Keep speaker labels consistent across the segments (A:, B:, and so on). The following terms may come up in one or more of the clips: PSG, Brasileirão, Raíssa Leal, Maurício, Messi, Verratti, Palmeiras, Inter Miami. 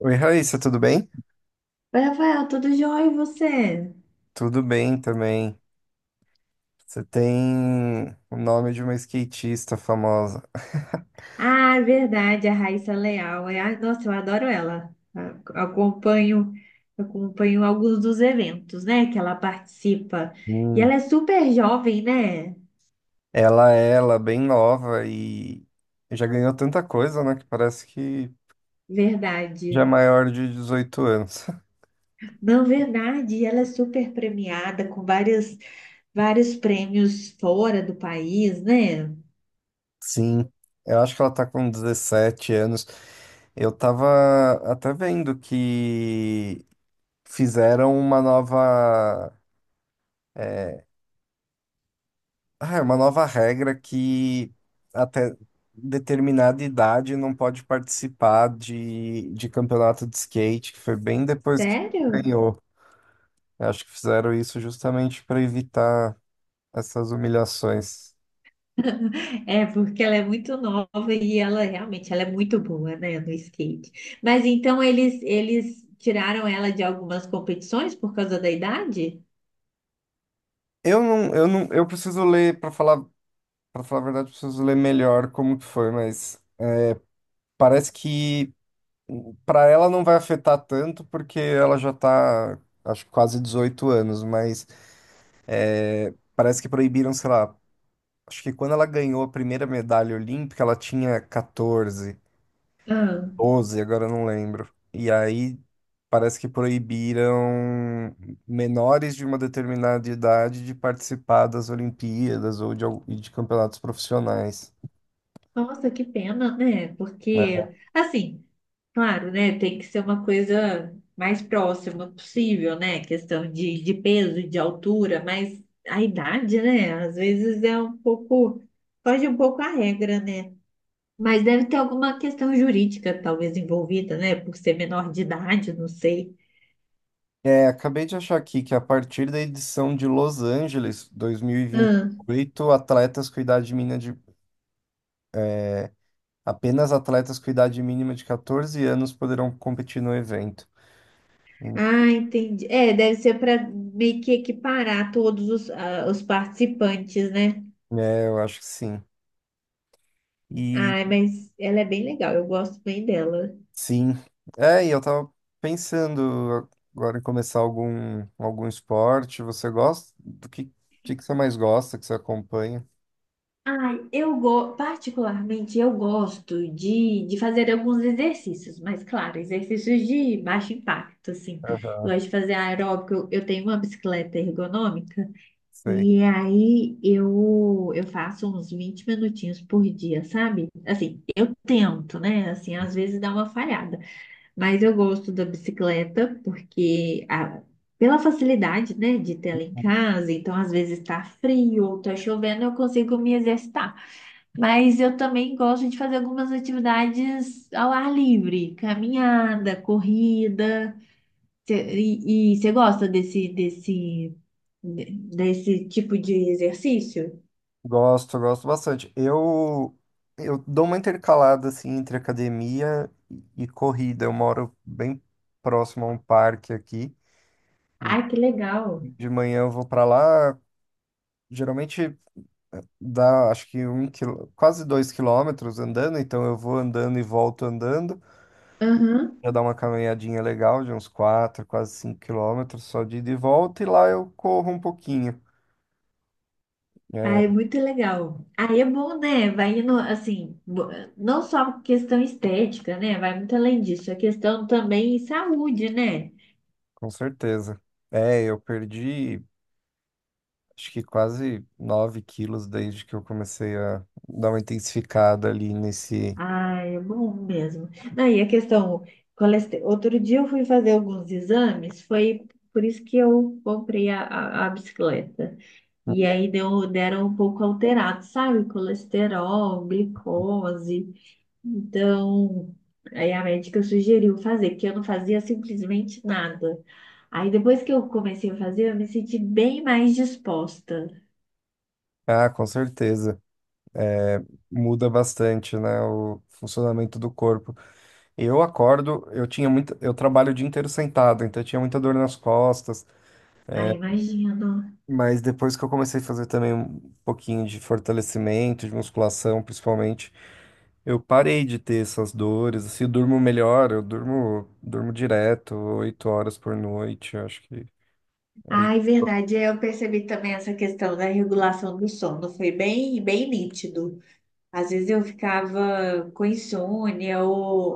A: Oi, Raíssa, tudo bem?
B: Oi, Rafael, tudo jóia e você?
A: Tudo bem também. Você tem o nome de uma skatista famosa.
B: Ah, é verdade, a Raíssa é Leal. Nossa, eu adoro ela. Acompanho alguns dos eventos, né, que ela participa. E
A: Sim.
B: ela é super jovem, né?
A: Ela é bem nova e já ganhou tanta coisa, né? Que parece que já é
B: Verdade.
A: maior de 18 anos.
B: Não, verdade, ela é super premiada com vários, vários prêmios fora do país, né?
A: Sim, eu acho que ela tá com 17 anos. Eu tava até vendo que fizeram uma nova. eh, Ah, é uma nova regra que até determinada idade não pode participar de campeonato de skate, que foi bem depois que
B: Sério?
A: ganhou. Eu acho que fizeram isso justamente para evitar essas humilhações.
B: É, porque ela é muito nova e ela realmente ela é muito boa, né, no skate. Mas então eles tiraram ela de algumas competições por causa da idade?
A: Eu não, eu não, eu preciso ler para falar a verdade, eu preciso ler melhor como que foi, mas parece que para ela não vai afetar tanto porque ela já tá, acho que quase 18 anos, mas parece que proibiram, sei lá. Acho que quando ela ganhou a primeira medalha olímpica, ela tinha 14,
B: Ah,
A: 12, agora eu não lembro. E aí parece que proibiram menores de uma determinada idade de participar das Olimpíadas ou de, al- e de campeonatos profissionais,
B: nossa, que pena, né?
A: né?
B: Porque assim, claro, né, tem que ser uma coisa mais próxima possível, né? Questão de peso, de altura, mas a idade, né, às vezes é um pouco foge um pouco a regra, né? Mas deve ter alguma questão jurídica, talvez, envolvida, né? Por ser menor de idade, não sei.
A: É, acabei de achar aqui que a partir da edição de Los Angeles, dois mil e vinte
B: Ah,
A: e oito atletas com idade mínima de apenas atletas com idade mínima de 14 anos poderão competir no evento. Hum.
B: ah, entendi. É, deve ser para meio que equiparar todos os participantes, né?
A: É, eu acho que sim.
B: Ai, mas ela é bem legal, eu gosto bem dela.
A: Sim. É, e eu tava pensando agora em começar algum esporte. Você gosta? Do que, que você mais gosta, que você acompanha?
B: Ai, particularmente eu gosto de fazer alguns exercícios, mas claro, exercícios de baixo impacto, assim.
A: Aham,
B: Eu gosto de fazer aeróbico, eu tenho uma bicicleta ergonômica.
A: sei.
B: E aí eu faço uns 20 minutinhos por dia, sabe? Assim, eu tento, né? Assim, às vezes dá uma falhada, mas eu gosto da bicicleta pela facilidade, né, de ter ela em casa, então às vezes tá frio ou tá chovendo, eu consigo me exercitar. Mas eu também gosto de fazer algumas atividades ao ar livre, caminhada, corrida. E você gosta desse tipo de exercício.
A: Gosto, gosto bastante. Eu dou uma intercalada, assim, entre academia e corrida. Eu moro bem próximo a um parque aqui.
B: Ai, que legal.
A: De manhã eu vou para lá, geralmente dá, acho que um quilo, quase 2 quilômetros andando, então eu vou andando e volto andando.
B: Aham.
A: Eu dar uma caminhadinha legal de uns 4, quase 5 quilômetros só de ida e volta, e lá eu corro um pouquinho.
B: Ah,
A: É,
B: é muito legal. Aí é bom, né? Vai indo, assim, não só questão estética, né? Vai muito além disso. A questão também em saúde, né?
A: com certeza. É, eu perdi acho que quase 9 quilos desde que eu comecei a dar uma intensificada ali nesse.
B: Ah, é bom mesmo. Não, e a questão, outro dia eu fui fazer alguns exames, foi por isso que eu comprei a bicicleta. E aí deram um pouco alterado, sabe? Colesterol, glicose. Então, aí a médica sugeriu fazer, porque eu não fazia simplesmente nada. Aí depois que eu comecei a fazer, eu me senti bem mais disposta.
A: Ah, com certeza. É, muda bastante, né, o funcionamento do corpo. Eu acordo, eu tinha muito, eu trabalho o dia inteiro sentado, então eu tinha muita dor nas costas.
B: Ai, imagino.
A: Mas depois que eu comecei a fazer também um pouquinho de fortalecimento, de musculação, principalmente, eu parei de ter essas dores. Assim, eu durmo melhor, eu durmo direto, 8 horas por noite. Eu acho que ajuda.
B: Ai, verdade, eu percebi também essa questão da regulação do sono, foi bem, bem nítido. Às vezes eu ficava com insônia ou,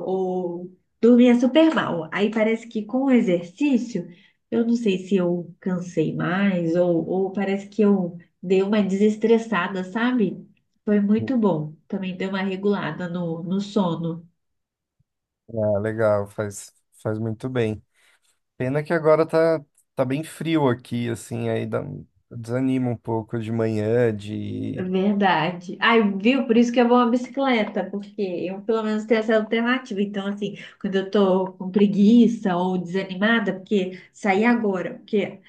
B: ou dormia super mal. Aí parece que com o exercício, eu não sei se eu cansei mais ou parece que eu dei uma desestressada, sabe? Foi muito bom. Também deu uma regulada no sono.
A: É legal, faz muito bem. Pena que agora tá bem frio aqui, assim, aí desanima um pouco de manhã, de.
B: Verdade. Ai, viu? Por isso que é bom a bicicleta, porque eu pelo menos tenho essa alternativa. Então, assim, quando eu tô com preguiça ou desanimada, porque sair agora, porque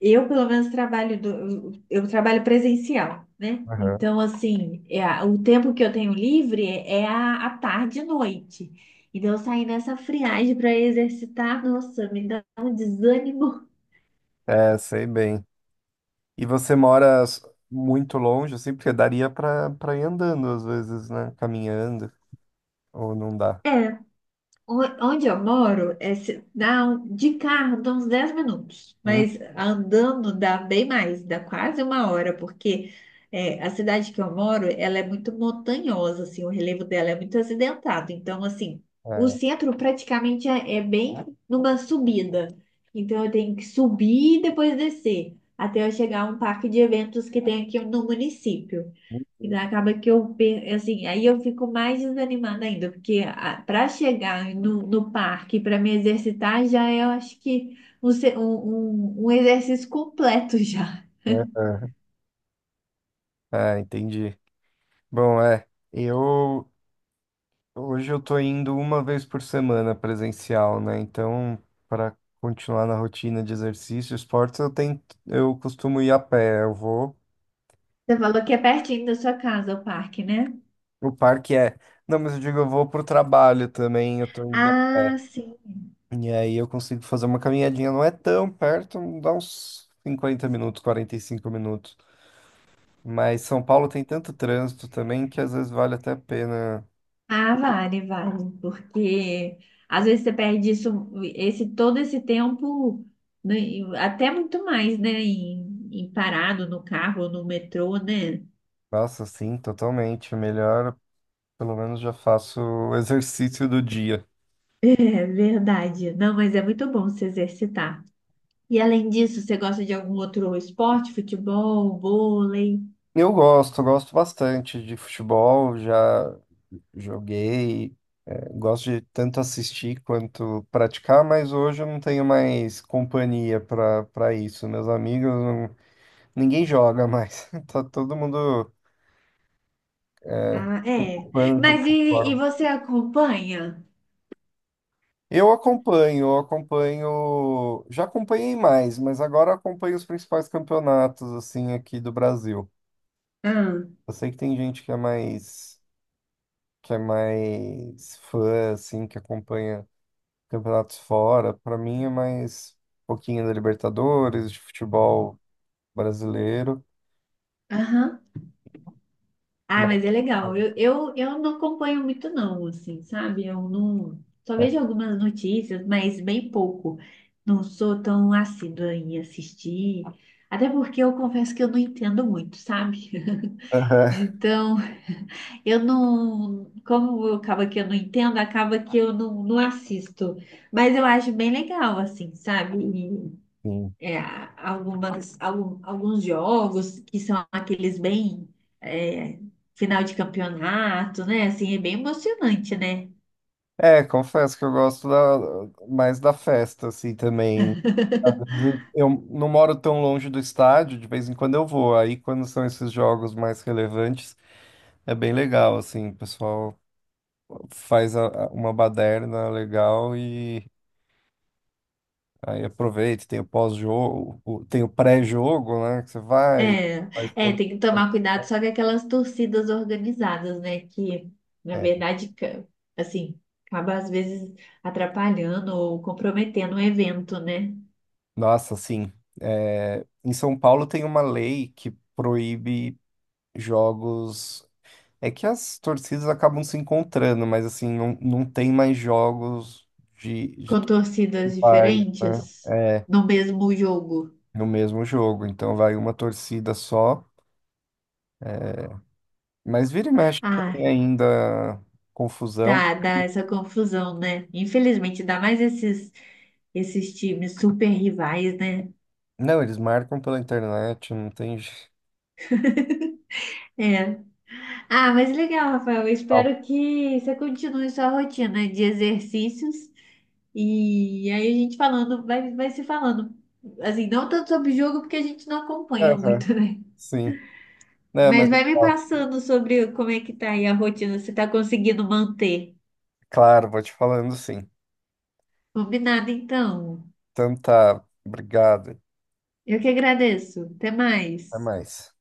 B: eu, pelo menos, trabalho do, eu trabalho presencial, né?
A: Aham.
B: Então, assim, o tempo que eu tenho livre é a tarde e noite. Então, sair nessa friagem para exercitar, nossa, me dá um desânimo.
A: É, sei bem. E você mora muito longe, assim, porque daria pra ir andando às vezes, né? Caminhando, ou não dá.
B: É, Onde eu moro, de carro dá uns 10 minutos,
A: Hum?
B: mas andando dá bem mais, dá quase uma hora, porque é, a cidade que eu moro, ela é muito montanhosa, assim, o relevo dela é muito acidentado. Então, assim, o
A: É,
B: centro praticamente é bem numa subida. Então, eu tenho que subir e depois descer, até eu chegar a um parque de eventos que tem aqui no município. E daí acaba que assim, aí eu fico mais desanimada ainda, porque para chegar no parque, para me exercitar, já é, eu acho que um exercício completo já.
A: é, é, é, entendi. Bom, é, eu hoje eu tô indo uma vez por semana presencial, né? Então, para continuar na rotina de exercício, esportes, eu tento, eu costumo ir a pé, eu vou.
B: Você falou que é pertinho da sua casa o parque, né?
A: O parque é. Não, mas eu digo, eu vou pro trabalho também, eu tô indo.
B: Ah, sim.
A: E aí eu consigo fazer uma caminhadinha, não é tão perto, dá uns 50 minutos, 45 minutos. Mas São Paulo tem tanto trânsito também que às vezes vale até a pena.
B: Ah, vale, vale, porque às vezes você perde isso, esse, todo esse tempo, né, e até muito mais, né? Em parado no carro, no metrô, né?
A: Nossa, sim, totalmente. É melhor, pelo menos já faço o exercício do dia.
B: É verdade. Não, mas é muito bom se exercitar. E além disso, você gosta de algum outro esporte? Futebol, vôlei?
A: Eu gosto, gosto bastante de futebol, já joguei, gosto de tanto assistir quanto praticar, mas hoje eu não tenho mais companhia para isso. Meus amigos. Ninguém joga mais. Tá todo mundo é,
B: Ah, é.
A: ocupando de
B: Mas
A: outra
B: e
A: forma.
B: você acompanha?
A: Eu acompanho, eu acompanho. Já acompanhei mais, mas agora acompanho os principais campeonatos assim aqui do Brasil.
B: Ah,
A: Eu sei que tem gente que é mais fã assim, que acompanha campeonatos fora. Para mim é mais um pouquinho da Libertadores, de futebol brasileiro.
B: aham. Ah, mas é
A: mas-
B: legal. Eu não acompanho muito não, assim, sabe? Eu não... Só vejo algumas notícias, mas bem pouco. Não sou tão assídua em assistir. Até porque eu confesso que eu não entendo muito, sabe? Então, eu não, como eu acaba que eu não entendo, acaba que eu não assisto. Mas eu acho bem legal, assim, sabe?
A: Sim.
B: E, é, alguns jogos que são aqueles bem, é, final de campeonato, né? Assim, é bem emocionante, né?
A: É, confesso que eu gosto mais da festa, assim, também. Às vezes eu não moro tão longe do estádio, de vez em quando eu vou. Aí, quando são esses jogos mais relevantes, é bem legal, assim, o pessoal faz uma baderna legal e aí aproveita, tem o pós-jogo, tem o pré-jogo, né, que você vai,
B: É,
A: faz
B: é,
A: todo...
B: tem que tomar cuidado só com aquelas torcidas organizadas, né? Que, na
A: É.
B: verdade, assim, acaba às vezes atrapalhando ou comprometendo o evento, né?
A: Nossa, assim, em São Paulo tem uma lei que proíbe jogos. É que as torcidas acabam se encontrando, mas assim, não, não tem mais jogos de
B: Com
A: todos os
B: torcidas
A: pais, né?
B: diferentes
A: É,
B: no mesmo jogo.
A: no mesmo jogo. Então vai uma torcida só. Mas vira e mexe
B: Ah,
A: tem ainda confusão.
B: tá, dá essa confusão, né? Infelizmente, dá mais esses times super rivais, né?
A: Não, eles marcam pela internet, não tem jeito.
B: É. Ah, mas legal, Rafael. Eu espero que você continue sua rotina de exercícios. E aí a gente falando, vai se falando. Assim, não tanto sobre jogo, porque a gente não acompanha
A: Aham,
B: muito, né?
A: sim. Não,
B: Mas
A: mas
B: vai me
A: ó,
B: passando sobre como é que tá aí a rotina, se tá conseguindo manter.
A: claro, vou te falando sim.
B: Combinado, então.
A: Então tá, obrigado.
B: Eu que agradeço. Até
A: Até
B: mais.
A: mais.